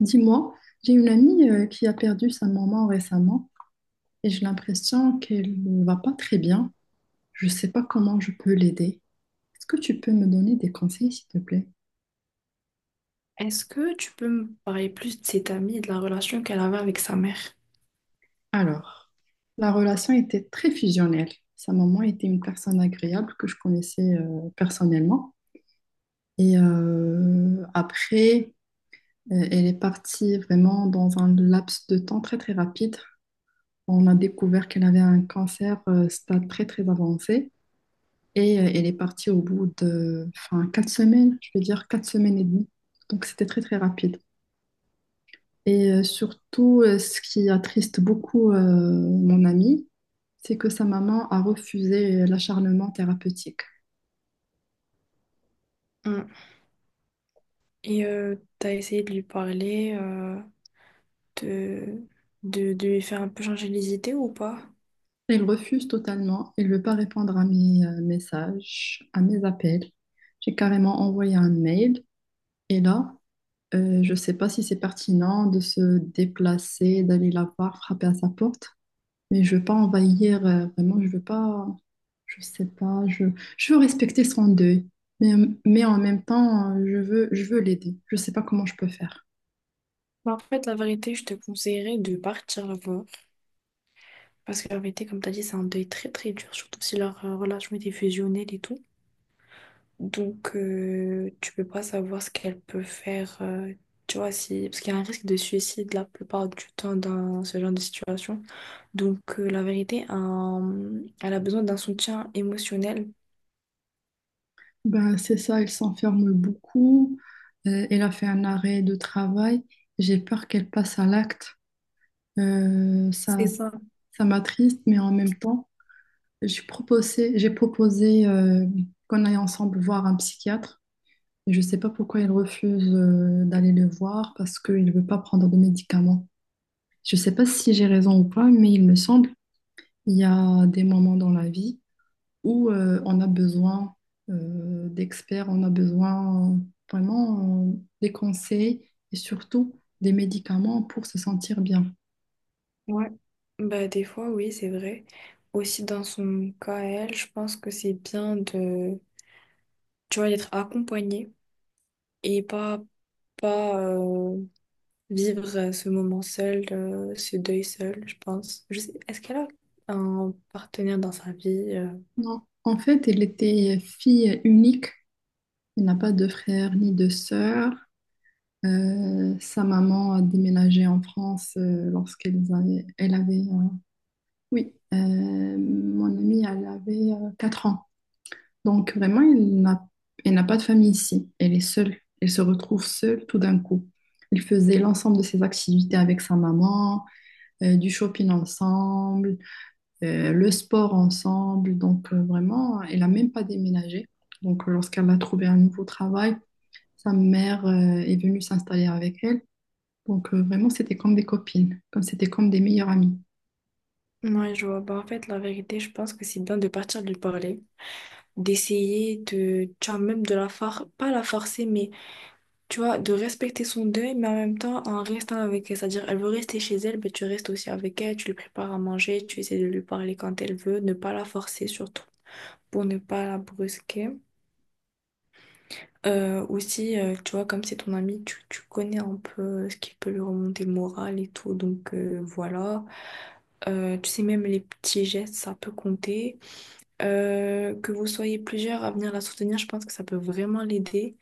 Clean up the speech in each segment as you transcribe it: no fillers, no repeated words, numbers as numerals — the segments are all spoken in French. Dis-moi, j'ai une amie qui a perdu sa maman récemment et j'ai l'impression qu'elle ne va pas très bien. Je ne sais pas comment je peux l'aider. Est-ce que tu peux me donner des conseils, s'il te plaît? Est-ce que tu peux me parler plus de cette amie et de la relation qu'elle avait avec sa mère? Alors, la relation était très fusionnelle. Sa maman était une personne agréable que je connaissais personnellement. Et après, elle est partie vraiment dans un laps de temps très très rapide. On a découvert qu'elle avait un cancer stade très très avancé. Et elle est partie au bout de enfin, 4 semaines, je veux dire 4 semaines et demie. Donc c'était très très rapide. Et surtout, ce qui attriste beaucoup mon amie, c'est que sa maman a refusé l'acharnement thérapeutique. Mm. T'as essayé de lui parler, de, de lui faire un peu changer les idées ou pas? Elle refuse totalement, elle ne veut pas répondre à mes messages, à mes appels. J'ai carrément envoyé un mail. Et là, je ne sais pas si c'est pertinent de se déplacer, d'aller la voir, frapper à sa porte. Mais je veux pas envahir, vraiment, je veux pas, je sais pas, je veux respecter son deuil, mais, mais en même temps, je veux l'aider. Je sais pas comment je peux faire. En fait, la vérité, je te conseillerais de partir la voir. Parce que la vérité, comme t'as dit, c'est un deuil très très dur, surtout si leur relation était fusionnelle et tout. Donc, tu peux pas savoir ce qu'elle peut faire, tu vois, si... parce qu'il y a un risque de suicide la plupart du temps dans ce genre de situation. Donc, la vérité, elle a besoin d'un soutien émotionnel. Ben, c'est ça, elle s'enferme beaucoup, elle a fait un arrêt de travail, j'ai peur qu'elle passe à l'acte. Ça, C'est ça. ça m'attriste, mais en même temps, j'ai proposé qu'on aille ensemble voir un psychiatre. Je sais pas pourquoi elle refuse d'aller le voir parce qu'il veut pas prendre de médicaments. Je sais pas si j'ai raison ou pas, mais il me semble, il y a des moments dans la vie où on a besoin d'experts, on a besoin vraiment des conseils et surtout des médicaments pour se sentir bien. Ouais. Bah, des fois, oui, c'est vrai. Aussi, dans son cas, à elle, je pense que c'est bien de, tu vois, d'être accompagnée et pas, pas vivre ce moment seul, ce deuil seul, je pense. Je sais, est-ce qu'elle a un partenaire dans sa vie? Non. En fait, elle était fille unique. Elle n'a pas de frère ni de sœur. Sa maman a déménagé en France lorsqu'elle avait, elle avait oui, mon amie, elle avait 4 ans. Donc vraiment, elle n'a pas de famille ici. Elle est seule. Elle se retrouve seule tout d'un coup. Ils faisaient l'ensemble de ses activités avec sa maman, du shopping ensemble, le sport ensemble. Donc vraiment, elle n'a même pas déménagé. Donc lorsqu'elle a trouvé un nouveau travail, sa mère est venue s'installer avec elle. Donc vraiment, c'était comme des copines, comme c'était comme des meilleures amies. Ouais, je vois. En fait, la vérité, je pense que c'est bien de partir de lui parler, d'essayer de, tu vois, même de la forcer, pas la forcer, mais tu vois, de respecter son deuil, mais en même temps en restant avec elle. C'est-à-dire, elle veut rester chez elle, mais tu restes aussi avec elle, tu lui prépares à manger, tu essaies de lui parler quand elle veut, ne pas la forcer surtout, pour ne pas la brusquer. Aussi, tu vois, comme c'est ton ami, tu connais un peu ce qui peut lui remonter le moral et tout, donc voilà. Tu sais, même les petits gestes, ça peut compter. Que vous soyez plusieurs à venir la soutenir, je pense que ça peut vraiment l'aider.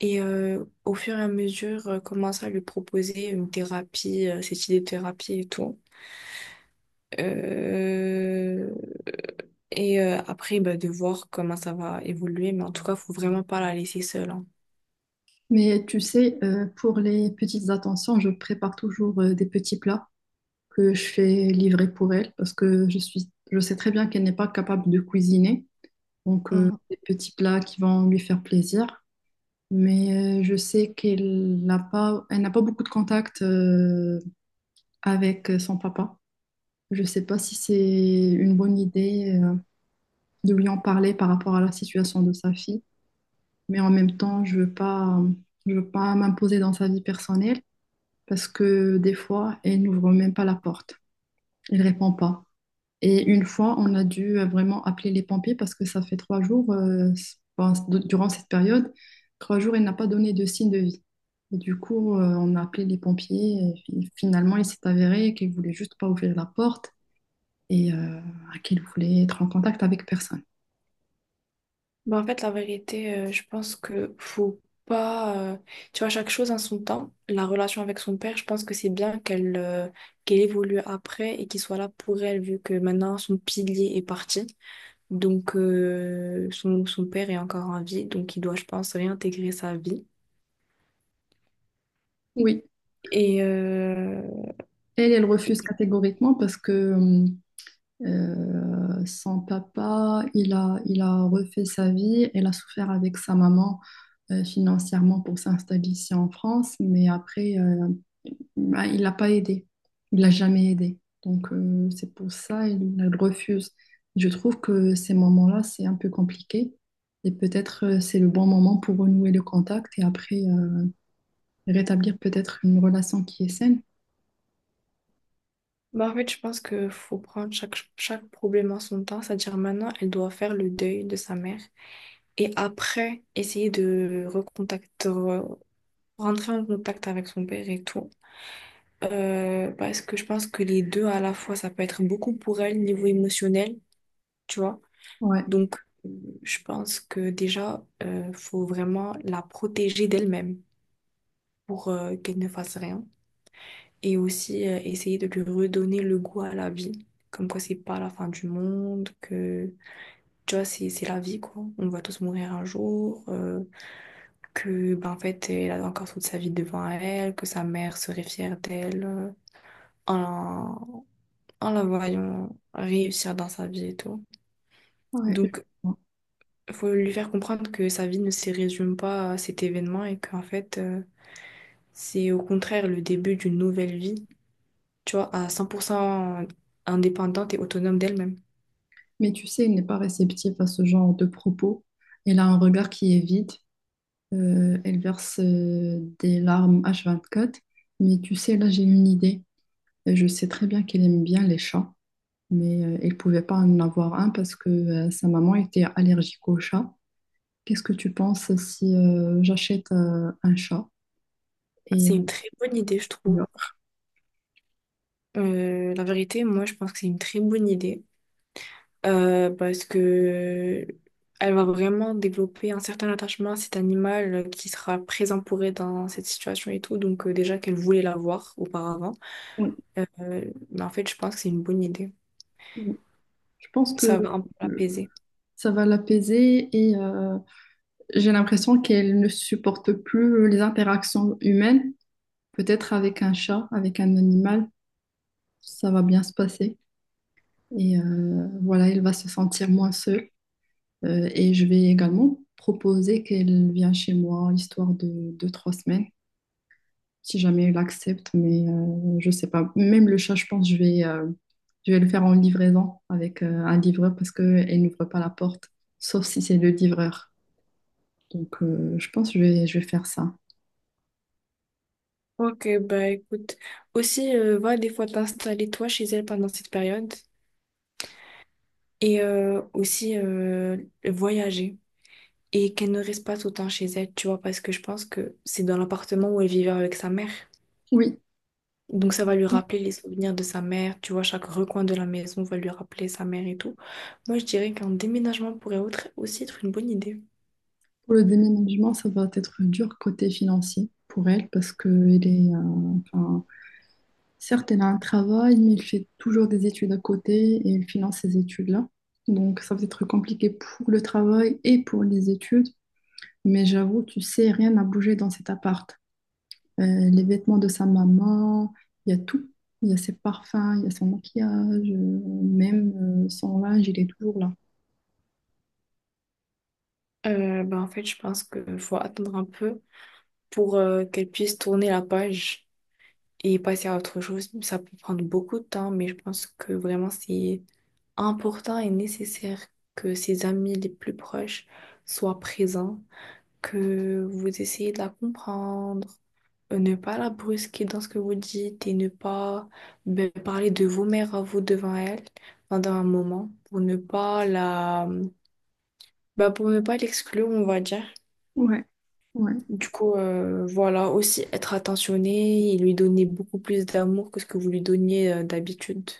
Et au fur et à mesure, commencer à lui proposer une thérapie, cette idée de thérapie et tout. Euh, Après, bah, de voir comment ça va évoluer. Mais en tout cas, faut vraiment pas la laisser seule, hein. Mais tu sais, pour les petites attentions, je prépare toujours des petits plats que je fais livrer pour elle parce que je suis, je sais très bien qu'elle n'est pas capable de cuisiner. Donc, Mm. des petits plats qui vont lui faire plaisir. Mais je sais qu'elle n'a pas beaucoup de contact avec son papa. Je ne sais pas si c'est une bonne idée de lui en parler par rapport à la situation de sa fille. Mais en même temps, je ne veux pas, je veux pas m'imposer dans sa vie personnelle parce que des fois, elle n'ouvre même pas la porte. Elle ne répond pas. Et une fois, on a dû vraiment appeler les pompiers parce que ça fait 3 jours, enfin, durant cette période, 3 jours, il n'a pas donné de signe de vie. Et du coup, on a appelé les pompiers et finalement, il s'est avéré qu'il voulait juste pas ouvrir la porte et qu'il voulait être en contact avec personne. En fait, la vérité, je pense que faut pas. Tu vois, chaque chose en son temps. La relation avec son père, je pense que c'est bien qu'elle qu'elle évolue après et qu'il soit là pour elle, vu que maintenant son pilier est parti. Donc, son père est encore en vie, donc il doit, je pense, réintégrer sa vie. Oui, Et euh, elle refuse catégoriquement parce que son papa, il a refait sa vie. Elle a souffert avec sa maman financièrement pour s'installer ici en France, mais après, bah, il l'a pas aidé. Il l'a jamais aidé. Donc, c'est pour ça il elle refuse. Je trouve que ces moments-là, c'est un peu compliqué. Et peut-être c'est le bon moment pour renouer le contact et après rétablir peut-être une relation qui est saine. En fait, je pense que faut prendre chaque problème en son temps. C'est-à-dire, maintenant, elle doit faire le deuil de sa mère et après, essayer de recontacter, rentrer en contact avec son père et tout. Parce que je pense que les deux à la fois, ça peut être beaucoup pour elle, niveau émotionnel, tu vois. Ouais, Donc, euh, je pense que déjà, faut vraiment la protéger d'elle-même pour qu'elle ne fasse rien. Et aussi, essayer de lui redonner le goût à la vie. Comme quoi, c'est pas la fin du monde, que, tu vois, c'est la vie, quoi. On va tous mourir un jour, que, ben, en fait, elle a encore toute sa vie devant elle, que sa mère serait fière d'elle, en, en la voyant réussir dans sa vie et tout. ouais. Donc, faut lui faire comprendre que sa vie ne se résume pas à cet événement et qu'en fait, c'est au contraire le début d'une nouvelle vie, tu vois, à 100% indépendante et autonome d'elle-même. Mais tu sais, elle n'est pas réceptive à ce genre de propos. Elle a un regard qui est vide. Elle verse des larmes H24. Mais tu sais, là, j'ai une idée. Et je sais très bien qu'elle aime bien les chats, mais elle ne pouvait pas en avoir un parce que sa maman était allergique aux chats. Qu'est-ce que tu penses si j'achète un chat? Et C'est une très bonne idée, je trouve. euh, La vérité, moi, je pense que c'est une très bonne idée. Parce que elle va vraiment développer un certain attachement à cet animal qui sera présent pour elle dans cette situation et tout. Donc déjà qu'elle voulait l'avoir auparavant. Euh, mais en fait, je pense que c'est une bonne idée. on- je pense Ça que va un peu euh, l'apaiser. ça va l'apaiser et j'ai l'impression qu'elle ne supporte plus les interactions humaines. Peut-être avec un chat, avec un animal, ça va bien se passer. Et voilà, elle va se sentir moins seule. Et je vais également proposer qu'elle vienne chez moi, histoire de deux, trois semaines, si jamais elle accepte. Mais je sais pas. Même le chat, je pense, je vais le faire en livraison avec un livreur parce qu'elle n'ouvre pas la porte, sauf si c'est le livreur. Donc, je pense que je vais faire ça. Ok, bah écoute. Aussi, va des fois t'installer toi chez elle pendant cette période. Et aussi voyager. Et qu'elle ne reste pas tout le temps chez elle, tu vois, parce que je pense que c'est dans l'appartement où elle vivait avec sa mère. Oui. Donc ça va lui rappeler les souvenirs de sa mère, tu vois, chaque recoin de la maison va lui rappeler sa mère et tout. Moi, je dirais qu'un déménagement pourrait aussi être une bonne idée. Pour le déménagement, ça va être dur côté financier pour elle parce que elle est, enfin, certes, elle a un travail, mais elle fait toujours des études à côté et elle finance ces études-là. Donc, ça va être compliqué pour le travail et pour les études. Mais j'avoue, tu sais, rien n'a bougé dans cet appart. Les vêtements de sa maman, il y a tout. Il y a ses parfums, il y a son maquillage, même son linge, il est toujours là. Ben, en fait, je pense qu'il faut attendre un peu pour qu'elle puisse tourner la page et passer à autre chose. Ça peut prendre beaucoup de temps, mais je pense que vraiment c'est important et nécessaire que ses amis les plus proches soient présents, que vous essayez de la comprendre, ne pas la brusquer dans ce que vous dites et ne pas, ben, parler de vos mères à vous devant elle pendant un moment pour ne pas la, ben, pour ne pas l'exclure, on va dire. Ouais. Ouais. Du coup, voilà, aussi être attentionné et lui donner beaucoup plus d'amour que ce que vous lui donniez d'habitude.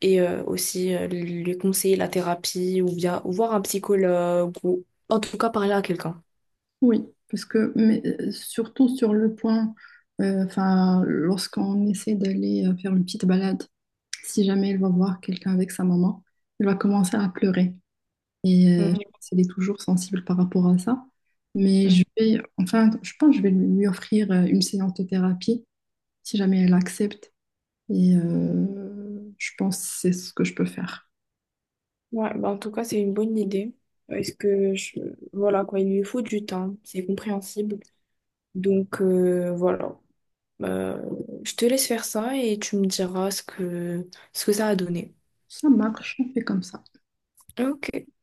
Et aussi lui conseiller la thérapie ou bien ou voir un psychologue ou en tout cas parler à quelqu'un. Oui, parce que mais, surtout sur le point, enfin, lorsqu'on essaie d'aller faire une petite balade, si jamais elle va voir quelqu'un avec sa maman, elle va commencer à pleurer. Et je pense qu'elle est toujours sensible par rapport à ça. Mais Mhm. je vais, enfin, je pense que je vais lui offrir une séance de thérapie si jamais elle accepte. Et je pense que c'est ce que je peux faire. Ouais, bah en tout cas, c'est une bonne idée. Parce que, je... voilà, quoi, il lui faut du temps, c'est compréhensible. Donc, voilà. Euh, je te laisse faire ça et tu me diras ce que ça a donné. Ça marche, on fait comme ça. Ok.